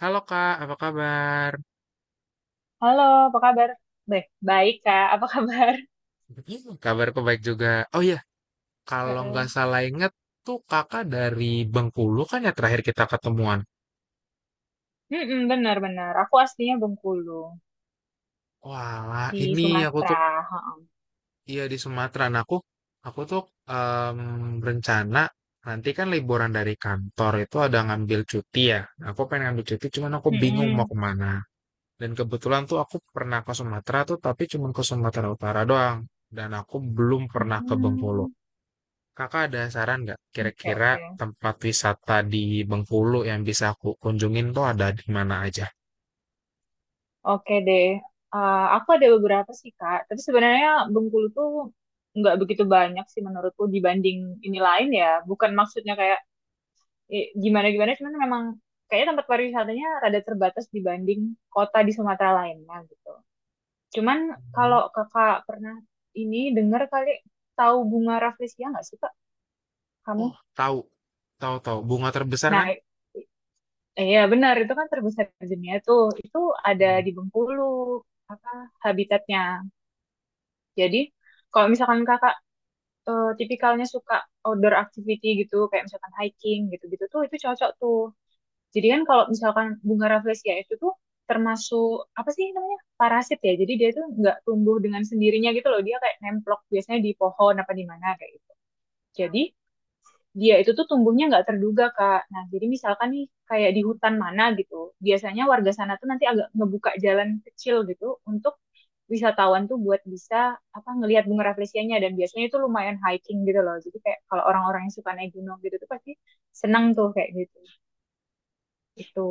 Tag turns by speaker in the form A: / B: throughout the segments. A: Halo Kak, apa kabar?
B: Halo, apa kabar? Baik, baik Kak. Apa kabar?
A: Kabarku baik juga. Oh iya, kalau
B: Heeh.
A: nggak salah inget tuh kakak dari Bengkulu kan ya terakhir kita ketemuan.
B: Mm-mm, benar-benar. Aku aslinya Bengkulu
A: Wah,
B: di
A: ini aku tuh
B: Sumatera. Heeh.
A: iya di Sumatera. Nah, aku em, berencana nanti kan liburan dari kantor itu ada ngambil cuti ya. Nah, aku pengen ngambil cuti, cuman aku bingung mau
B: Mm-mm.
A: kemana. Dan kebetulan tuh aku pernah ke Sumatera tuh, tapi cuma ke Sumatera Utara doang. Dan aku belum pernah ke Bengkulu.
B: Hmm.
A: Kakak ada saran nggak
B: Oke,
A: kira-kira
B: oke.
A: tempat wisata di Bengkulu yang bisa aku kunjungin tuh ada di mana aja?
B: Oke deh. Aku ada beberapa sih Kak. Tapi sebenarnya Bengkulu tuh nggak begitu banyak sih menurutku dibanding ini lain ya. Bukan maksudnya kayak gimana-gimana, cuman memang kayaknya tempat pariwisatanya rada terbatas dibanding kota di Sumatera lainnya gitu. Cuman kalau
A: Hmm.
B: kakak pernah ini dengar kali tahu bunga rafflesia nggak sih kak kamu?
A: Oh, tahu, tahu, tahu. Bunga terbesar
B: Nah,
A: kan?
B: i- i- iya benar itu kan terbesar di dunia tuh. Itu ada
A: Hmm.
B: di Bengkulu apa habitatnya. Jadi kalau misalkan kakak tipikalnya suka outdoor activity gitu kayak misalkan hiking gitu-gitu tuh itu cocok tuh. Jadi kan kalau misalkan bunga rafflesia itu tuh termasuk apa sih namanya parasit ya, jadi dia tuh nggak tumbuh dengan sendirinya gitu loh, dia kayak nemplok biasanya di pohon apa di mana kayak gitu. Jadi dia itu tuh tumbuhnya nggak terduga, Kak. Nah, jadi misalkan nih kayak di hutan mana gitu, biasanya warga sana tuh nanti agak ngebuka jalan kecil gitu untuk wisatawan tuh buat bisa apa ngelihat bunga rafflesianya, dan biasanya itu lumayan hiking gitu loh. Jadi kayak kalau orang-orang yang suka naik gunung gitu tuh pasti senang tuh kayak gitu. Itu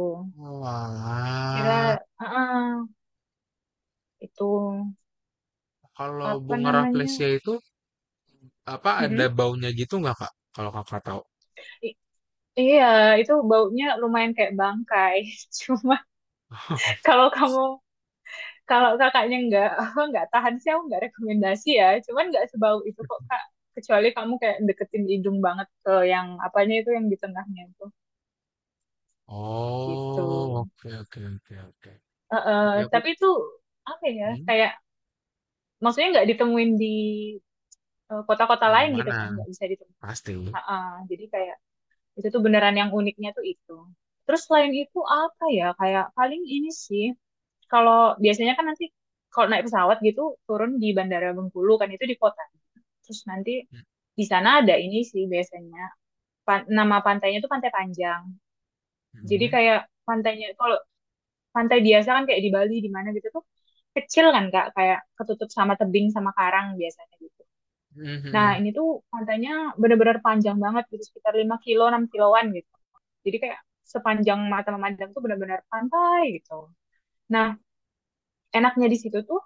B: kira,
A: Walah,
B: heeh, itu
A: kalau
B: apa
A: bunga
B: namanya?
A: rafflesia itu apa ada
B: Mm-mm.
A: baunya gitu nggak kak? Kalau kakak tahu.
B: I- Iya, itu baunya lumayan kayak bangkai. Cuma kalau kamu kalau kakaknya nggak nggak tahan sih, aku nggak rekomendasi ya, cuman nggak sebau itu kok kak, kecuali kamu kayak deketin hidung banget ke yang apanya itu yang di tengahnya itu gitu.
A: Oh, oke, oke, oke, oke.
B: Eh, eh,
A: Jadi
B: tapi itu apa ya
A: hmm,
B: kayak maksudnya nggak ditemuin di kota-kota lain gitu,
A: mana-mana
B: kan nggak bisa ditemuin.
A: pasti.
B: Ah, ah, jadi kayak itu tuh beneran yang uniknya tuh itu. Terus selain itu apa ya? Kayak paling ini sih. Kalau biasanya kan nanti kalau naik pesawat gitu turun di Bandara Bengkulu kan itu di kota. Terus nanti
A: Mhm.
B: di sana ada ini sih biasanya nama pantainya tuh Pantai Panjang. Jadi kayak pantainya kalau pantai biasa kan kayak di Bali di mana gitu tuh kecil kan Kak, kayak ketutup sama tebing sama karang biasanya gitu.
A: Mhm
B: Nah,
A: mhm.
B: ini tuh pantainya benar-benar panjang banget gitu, sekitar 5 kilo, 6 kiloan gitu. Jadi kayak sepanjang mata memandang tuh benar-benar pantai gitu. Nah, enaknya di situ tuh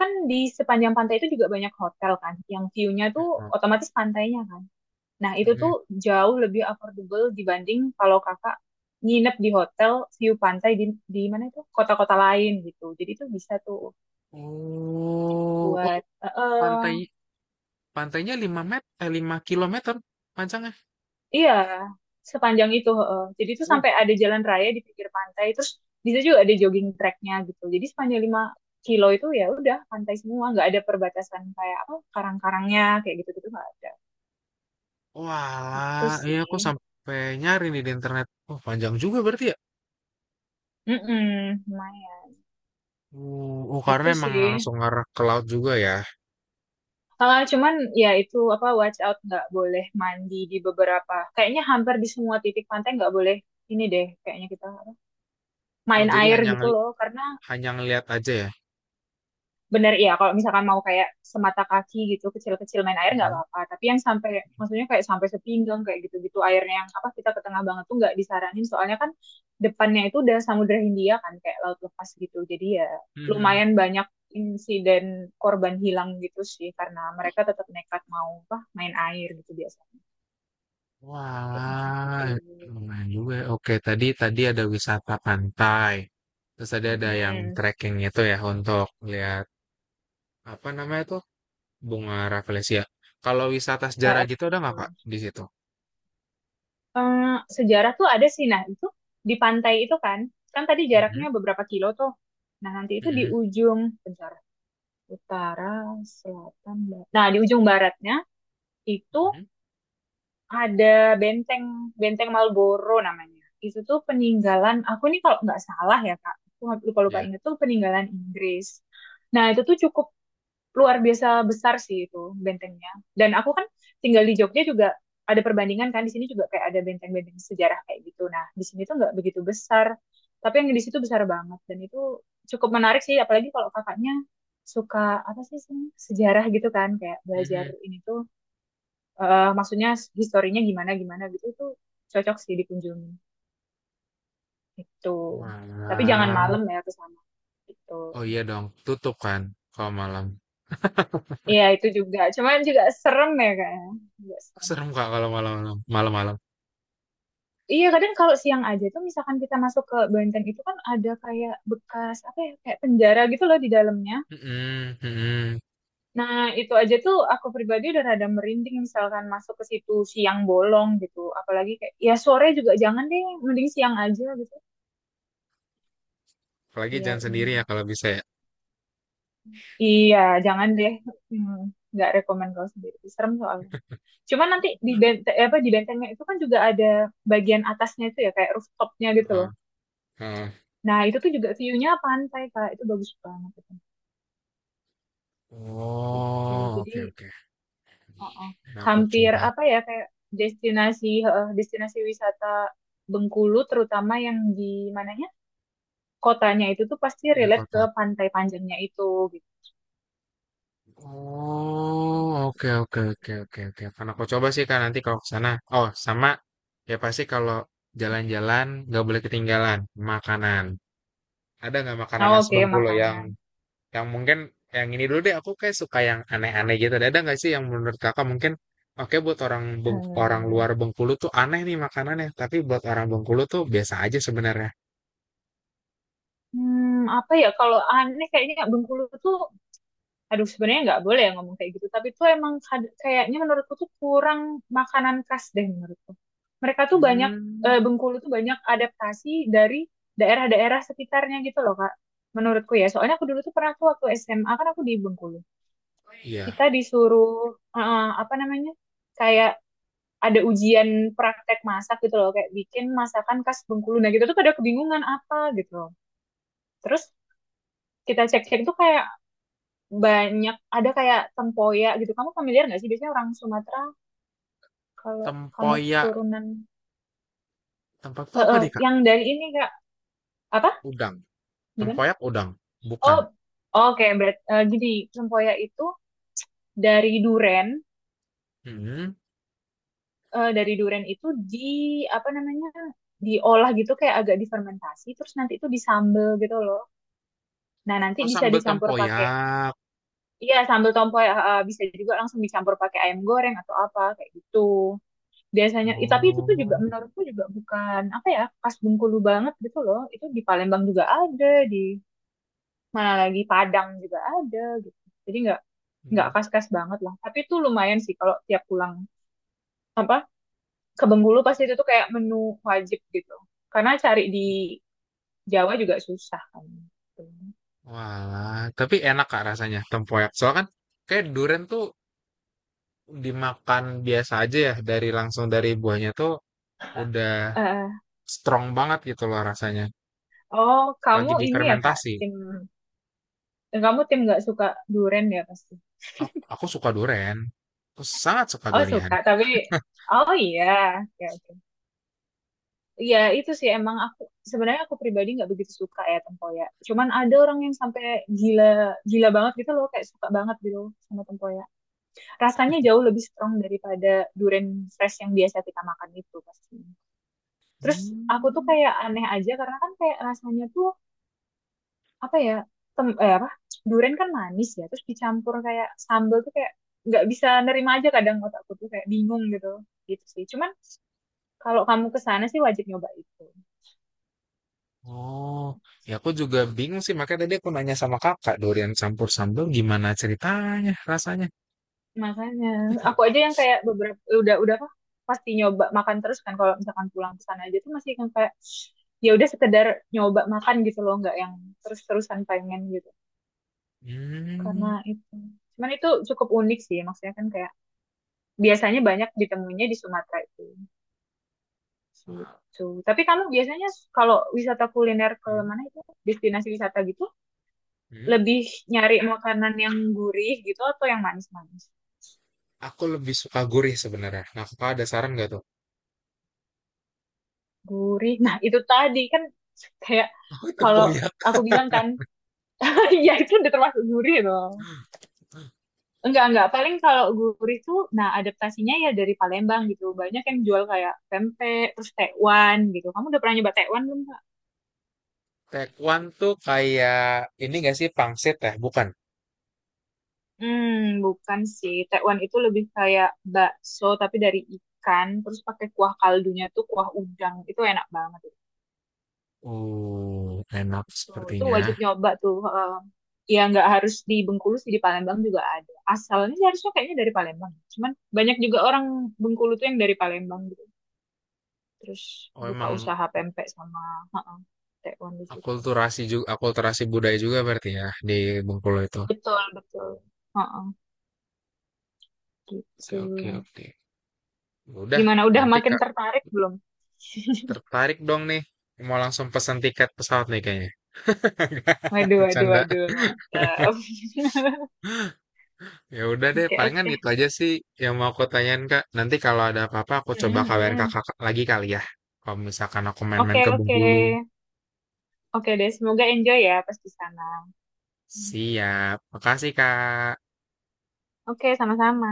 B: kan di sepanjang pantai itu juga banyak hotel kan, yang view-nya tuh
A: Heeh,
B: otomatis pantainya kan. Nah, itu tuh
A: mhm.
B: jauh lebih affordable dibanding kalau kakak nginep di hotel view pantai di mana itu kota-kota lain gitu. Jadi tuh bisa tuh
A: Oh, oh
B: buat
A: pantai pantainya 5 met eh 5 kilometer panjangnya.
B: Iya, sepanjang itu. Heeh. Jadi itu
A: Uh,
B: sampai ada jalan raya di pinggir pantai, terus bisa juga ada jogging tracknya gitu. Jadi sepanjang 5 kilo itu ya udah pantai semua, nggak ada perbatasan kayak apa karang-karangnya kayak gitu-gitu nggak ada. Itu
A: wah, iya
B: sih.
A: aku sampai nyari nih di internet. Oh, panjang juga berarti ya?
B: Mm-mm, lumayan.
A: Oh karena
B: Itu
A: emang
B: sih.
A: langsung ngarah ke laut juga ya.
B: Ah, cuman ya itu apa watch out nggak boleh mandi di beberapa. Kayaknya hampir di semua titik pantai nggak boleh ini deh. Kayaknya kita apa,
A: Oh,
B: main
A: jadi
B: air gitu loh, karena
A: hanya ngelihat aja ya.
B: bener ya kalau misalkan mau kayak semata kaki gitu kecil-kecil main air nggak
A: Mhm.
B: apa-apa, tapi yang sampai maksudnya kayak sampai sepinggang kayak gitu-gitu airnya yang apa kita ke tengah banget tuh nggak disaranin, soalnya kan depannya itu udah Samudra Hindia kan kayak laut lepas gitu, jadi ya
A: Mhm.
B: lumayan banyak insiden korban hilang gitu sih karena mereka tetap nekat mau apa main air gitu biasanya kayak gitu.
A: Wah, lumayan juga. Ya. Oke, tadi tadi ada wisata pantai. Terus tadi ada yang
B: Mm-mm.
A: trekking itu ya untuk lihat apa namanya tuh bunga rafflesia. Kalau wisata
B: Eh,
A: sejarah
B: eh,
A: gitu ada
B: gitu.
A: nggak Kak di situ?
B: Sejarah tuh ada sih. Nah, itu di pantai itu kan, kan tadi
A: Mhm,
B: jaraknya beberapa kilo tuh. Nah, nanti itu di
A: mhm,
B: ujung, bentar, utara, selatan, barat. Nah, di ujung baratnya itu
A: mhm,
B: ada benteng, benteng Marlboro namanya. Itu tuh peninggalan, aku nih kalau nggak salah ya, Kak, aku lupa-lupa
A: iya,
B: inget tuh peninggalan Inggris. Nah, itu tuh cukup luar biasa besar sih itu bentengnya. Dan aku kan tinggal di Jogja, juga ada perbandingan kan di sini juga kayak ada benteng-benteng sejarah kayak gitu. Nah, di sini tuh nggak begitu besar, tapi yang di situ besar banget, dan itu cukup menarik sih apalagi kalau kakaknya suka apa sih sih, sejarah gitu kan kayak belajar
A: mhm.
B: ini tuh maksudnya historinya gimana gimana gitu itu cocok sih dikunjungi itu. Tapi jangan
A: Wah,
B: malam ya ke sana gitu.
A: oh iya dong, tutup kan kalau malam.
B: Iya itu juga, cuman juga serem ya kayaknya, juga serem.
A: Serem Kak kalau malam-malam, malam-malam.
B: Iya kadang kalau siang aja tuh misalkan kita masuk ke Banten itu kan ada kayak bekas apa ya kayak penjara gitu loh di dalamnya.
A: Mhm, mhm.
B: Nah, itu aja tuh aku pribadi udah rada merinding misalkan masuk ke situ siang bolong gitu. Apalagi kayak ya sore juga jangan deh, mending siang aja gitu.
A: Apalagi
B: Biar
A: jangan sendiri ya
B: ini.
A: kalau bisa ya.
B: Iya jangan deh. Hmm, nggak rekomend kalau sendiri, serem soalnya. Cuma nanti di benteng apa di bentengnya itu kan juga ada bagian atasnya itu ya kayak rooftopnya gitu loh.
A: Heeh, heeh.
B: Nah itu tuh juga view-nya pantai kak itu bagus banget. Gitu.
A: Oh,
B: Jadi
A: oke oke.
B: uh-uh.
A: Nah, aku
B: Hampir
A: coba
B: apa ya kayak destinasi destinasi wisata Bengkulu terutama yang di mananya kotanya itu tuh pasti
A: di
B: relate ke
A: kota.
B: pantai panjangnya itu gitu.
A: Oh, oke oke oke oke oke. Karena aku coba sih kak nanti kalau ke sana. Oh, sama ya pasti kalau jalan-jalan nggak boleh ketinggalan makanan. Ada nggak
B: Nah,
A: makanan khas
B: oke,
A: Bengkulu
B: makanan.
A: yang mungkin yang ini dulu deh aku kayak suka yang aneh-aneh gitu. Ada nggak sih yang menurut kakak mungkin oke buat orang
B: Hmm,
A: luar Bengkulu tuh aneh nih makanannya, tapi buat orang Bengkulu tuh biasa aja sebenarnya.
B: hmm, apa ya kalau aneh kayaknya Bengkulu tuh aduh sebenarnya nggak boleh ya ngomong kayak gitu tapi tuh emang kayaknya menurutku tuh kurang makanan khas deh menurutku mereka tuh banyak
A: Hmm,
B: Bengkulu tuh banyak adaptasi dari daerah-daerah sekitarnya gitu loh Kak, menurutku ya soalnya aku dulu tuh pernah tuh waktu SMA kan aku di Bengkulu
A: iya.
B: kita disuruh apa namanya kayak ada ujian praktek masak gitu loh kayak bikin masakan khas Bengkulu, nah gitu tuh pada kebingungan apa gitu loh. Terus kita cek-cek tuh kayak banyak ada kayak tempoyak gitu. Kamu familiar nggak sih? Biasanya orang Sumatera kalau kamu
A: Tempoyak.
B: keturunan
A: Tempat tuh apa deh, Kak?
B: yang dari ini Kak, apa?
A: Udang.
B: Gimana?
A: Tempoyak udang. Bukan.
B: Oh, oh, oke, berat gini, tempoyak itu dari duren,
A: Mhm.
B: dari duren itu di apa namanya? Diolah gitu kayak agak difermentasi terus nanti itu disambel gitu loh. Nah, nanti
A: Oh,
B: bisa
A: sambal
B: dicampur pakai
A: tempoyak.
B: iya sambel tempoyak bisa juga langsung dicampur pakai ayam goreng atau apa kayak gitu. Biasanya tapi itu tuh juga
A: Oh.
B: menurutku juga bukan apa ya khas Bengkulu banget gitu loh, itu di Palembang juga ada, di mana lagi Padang juga ada gitu, jadi nggak
A: Hmm.
B: khas-khas banget lah tapi itu lumayan sih kalau tiap pulang apa ke Bengkulu pasti itu tuh kayak menu wajib gitu karena cari di Jawa juga susah kan gitu.
A: Walah, tapi enak Kak rasanya tempoyak. Soalnya kan kayak durian tuh dimakan biasa aja ya, dari langsung dari buahnya tuh udah
B: Eh,
A: strong banget gitu loh rasanya.
B: oh, kamu
A: Lagi
B: ini ya kak,
A: difermentasi.
B: tim kamu tim nggak suka durian ya pasti,
A: Aku suka durian. Aku sangat suka
B: oh
A: durian.
B: suka, tapi oh iya, oke oke. Iya itu sih emang aku sebenarnya aku pribadi nggak begitu suka ya tempoyak. Cuman ada orang yang sampai gila gila banget gitu loh kayak suka banget gitu sama tempoyak. Rasanya jauh lebih strong daripada durian fresh yang biasa kita makan itu pasti. Terus aku tuh
A: Hmm.
B: kayak aneh aja karena kan kayak rasanya tuh apa ya apa durian kan manis ya terus dicampur kayak sambal tuh kayak nggak bisa nerima aja, kadang otakku tuh kayak bingung gitu, gitu sih. Cuman kalau kamu ke sana sih wajib nyoba itu.
A: Oh, ya aku juga bingung sih. Makanya tadi aku nanya sama kakak, durian campur sambal gimana ceritanya, rasanya.
B: Makanya aku aja yang kayak beberapa udah apa pasti nyoba makan terus kan kalau misalkan pulang ke sana aja tuh masih kan kayak ya udah sekedar nyoba makan gitu loh nggak yang terus-terusan pengen gitu karena
A: Hmm.
B: itu cuman itu cukup unik sih maksudnya kan kayak biasanya banyak ditemuinya di Sumatera itu
A: Wah.
B: gitu. Tapi kamu biasanya kalau wisata kuliner ke
A: Hmm.
B: mana itu destinasi wisata gitu
A: Hmm?
B: lebih nyari makanan yang gurih gitu atau yang manis-manis?
A: Aku lebih suka gurih sebenarnya. Nah, kakak ada saran nggak tuh?
B: Gurih. Nah, itu tadi kan kayak
A: Oh,
B: kalau
A: tempoyak.
B: aku bilang kan, ya itu udah termasuk gurih dong. Enggak, enggak. Paling kalau gurih tuh, nah adaptasinya ya dari Palembang gitu. Banyak yang jual kayak pempek, terus tekwan gitu. Kamu udah pernah nyoba tekwan belum, Kak?
A: Tekwan tuh kayak ini nggak sih pangsit ya? Bukan.
B: Hmm, bukan sih. Tekwan itu lebih kayak bakso tapi dari ikan. Terus pakai kuah kaldunya tuh kuah udang. Itu enak banget.
A: Oh, enak
B: Tuh, tuh
A: sepertinya.
B: wajib nyoba tuh. Heeh. Ya nggak harus di Bengkulu sih, di Palembang juga ada. Asalnya sih harusnya kayaknya dari Palembang. Cuman banyak juga orang Bengkulu tuh yang dari Palembang gitu. Terus
A: Oh,
B: buka
A: emang
B: usaha pempek sama, heeh, tekwan di situ.
A: akulturasi juga, akulturasi budaya juga berarti ya di Bengkulu itu.
B: Betul, betul. Heeh, gitu.
A: Oke, oke, oke. Ya udah,
B: Gimana, udah
A: nanti
B: makin
A: Kak
B: tertarik belum?
A: tertarik dong nih. Mau langsung pesan tiket pesawat nih kayaknya.
B: Waduh, waduh,
A: Bercanda.
B: waduh, mantap.
A: Ya udah deh,
B: Oke,
A: palingan
B: oke.
A: itu aja sih yang mau aku tanyain Kak. Nanti kalau ada apa-apa aku
B: Mm,
A: coba
B: mm,
A: kabarin
B: mm.
A: Kakak lagi kali ya. Kalau misalkan aku
B: Oke,
A: main-main ke
B: oke.
A: Bengkulu.
B: Oke deh, semoga enjoy ya pas di sana.
A: Siap. Makasih Kak.
B: Oke, sama-sama.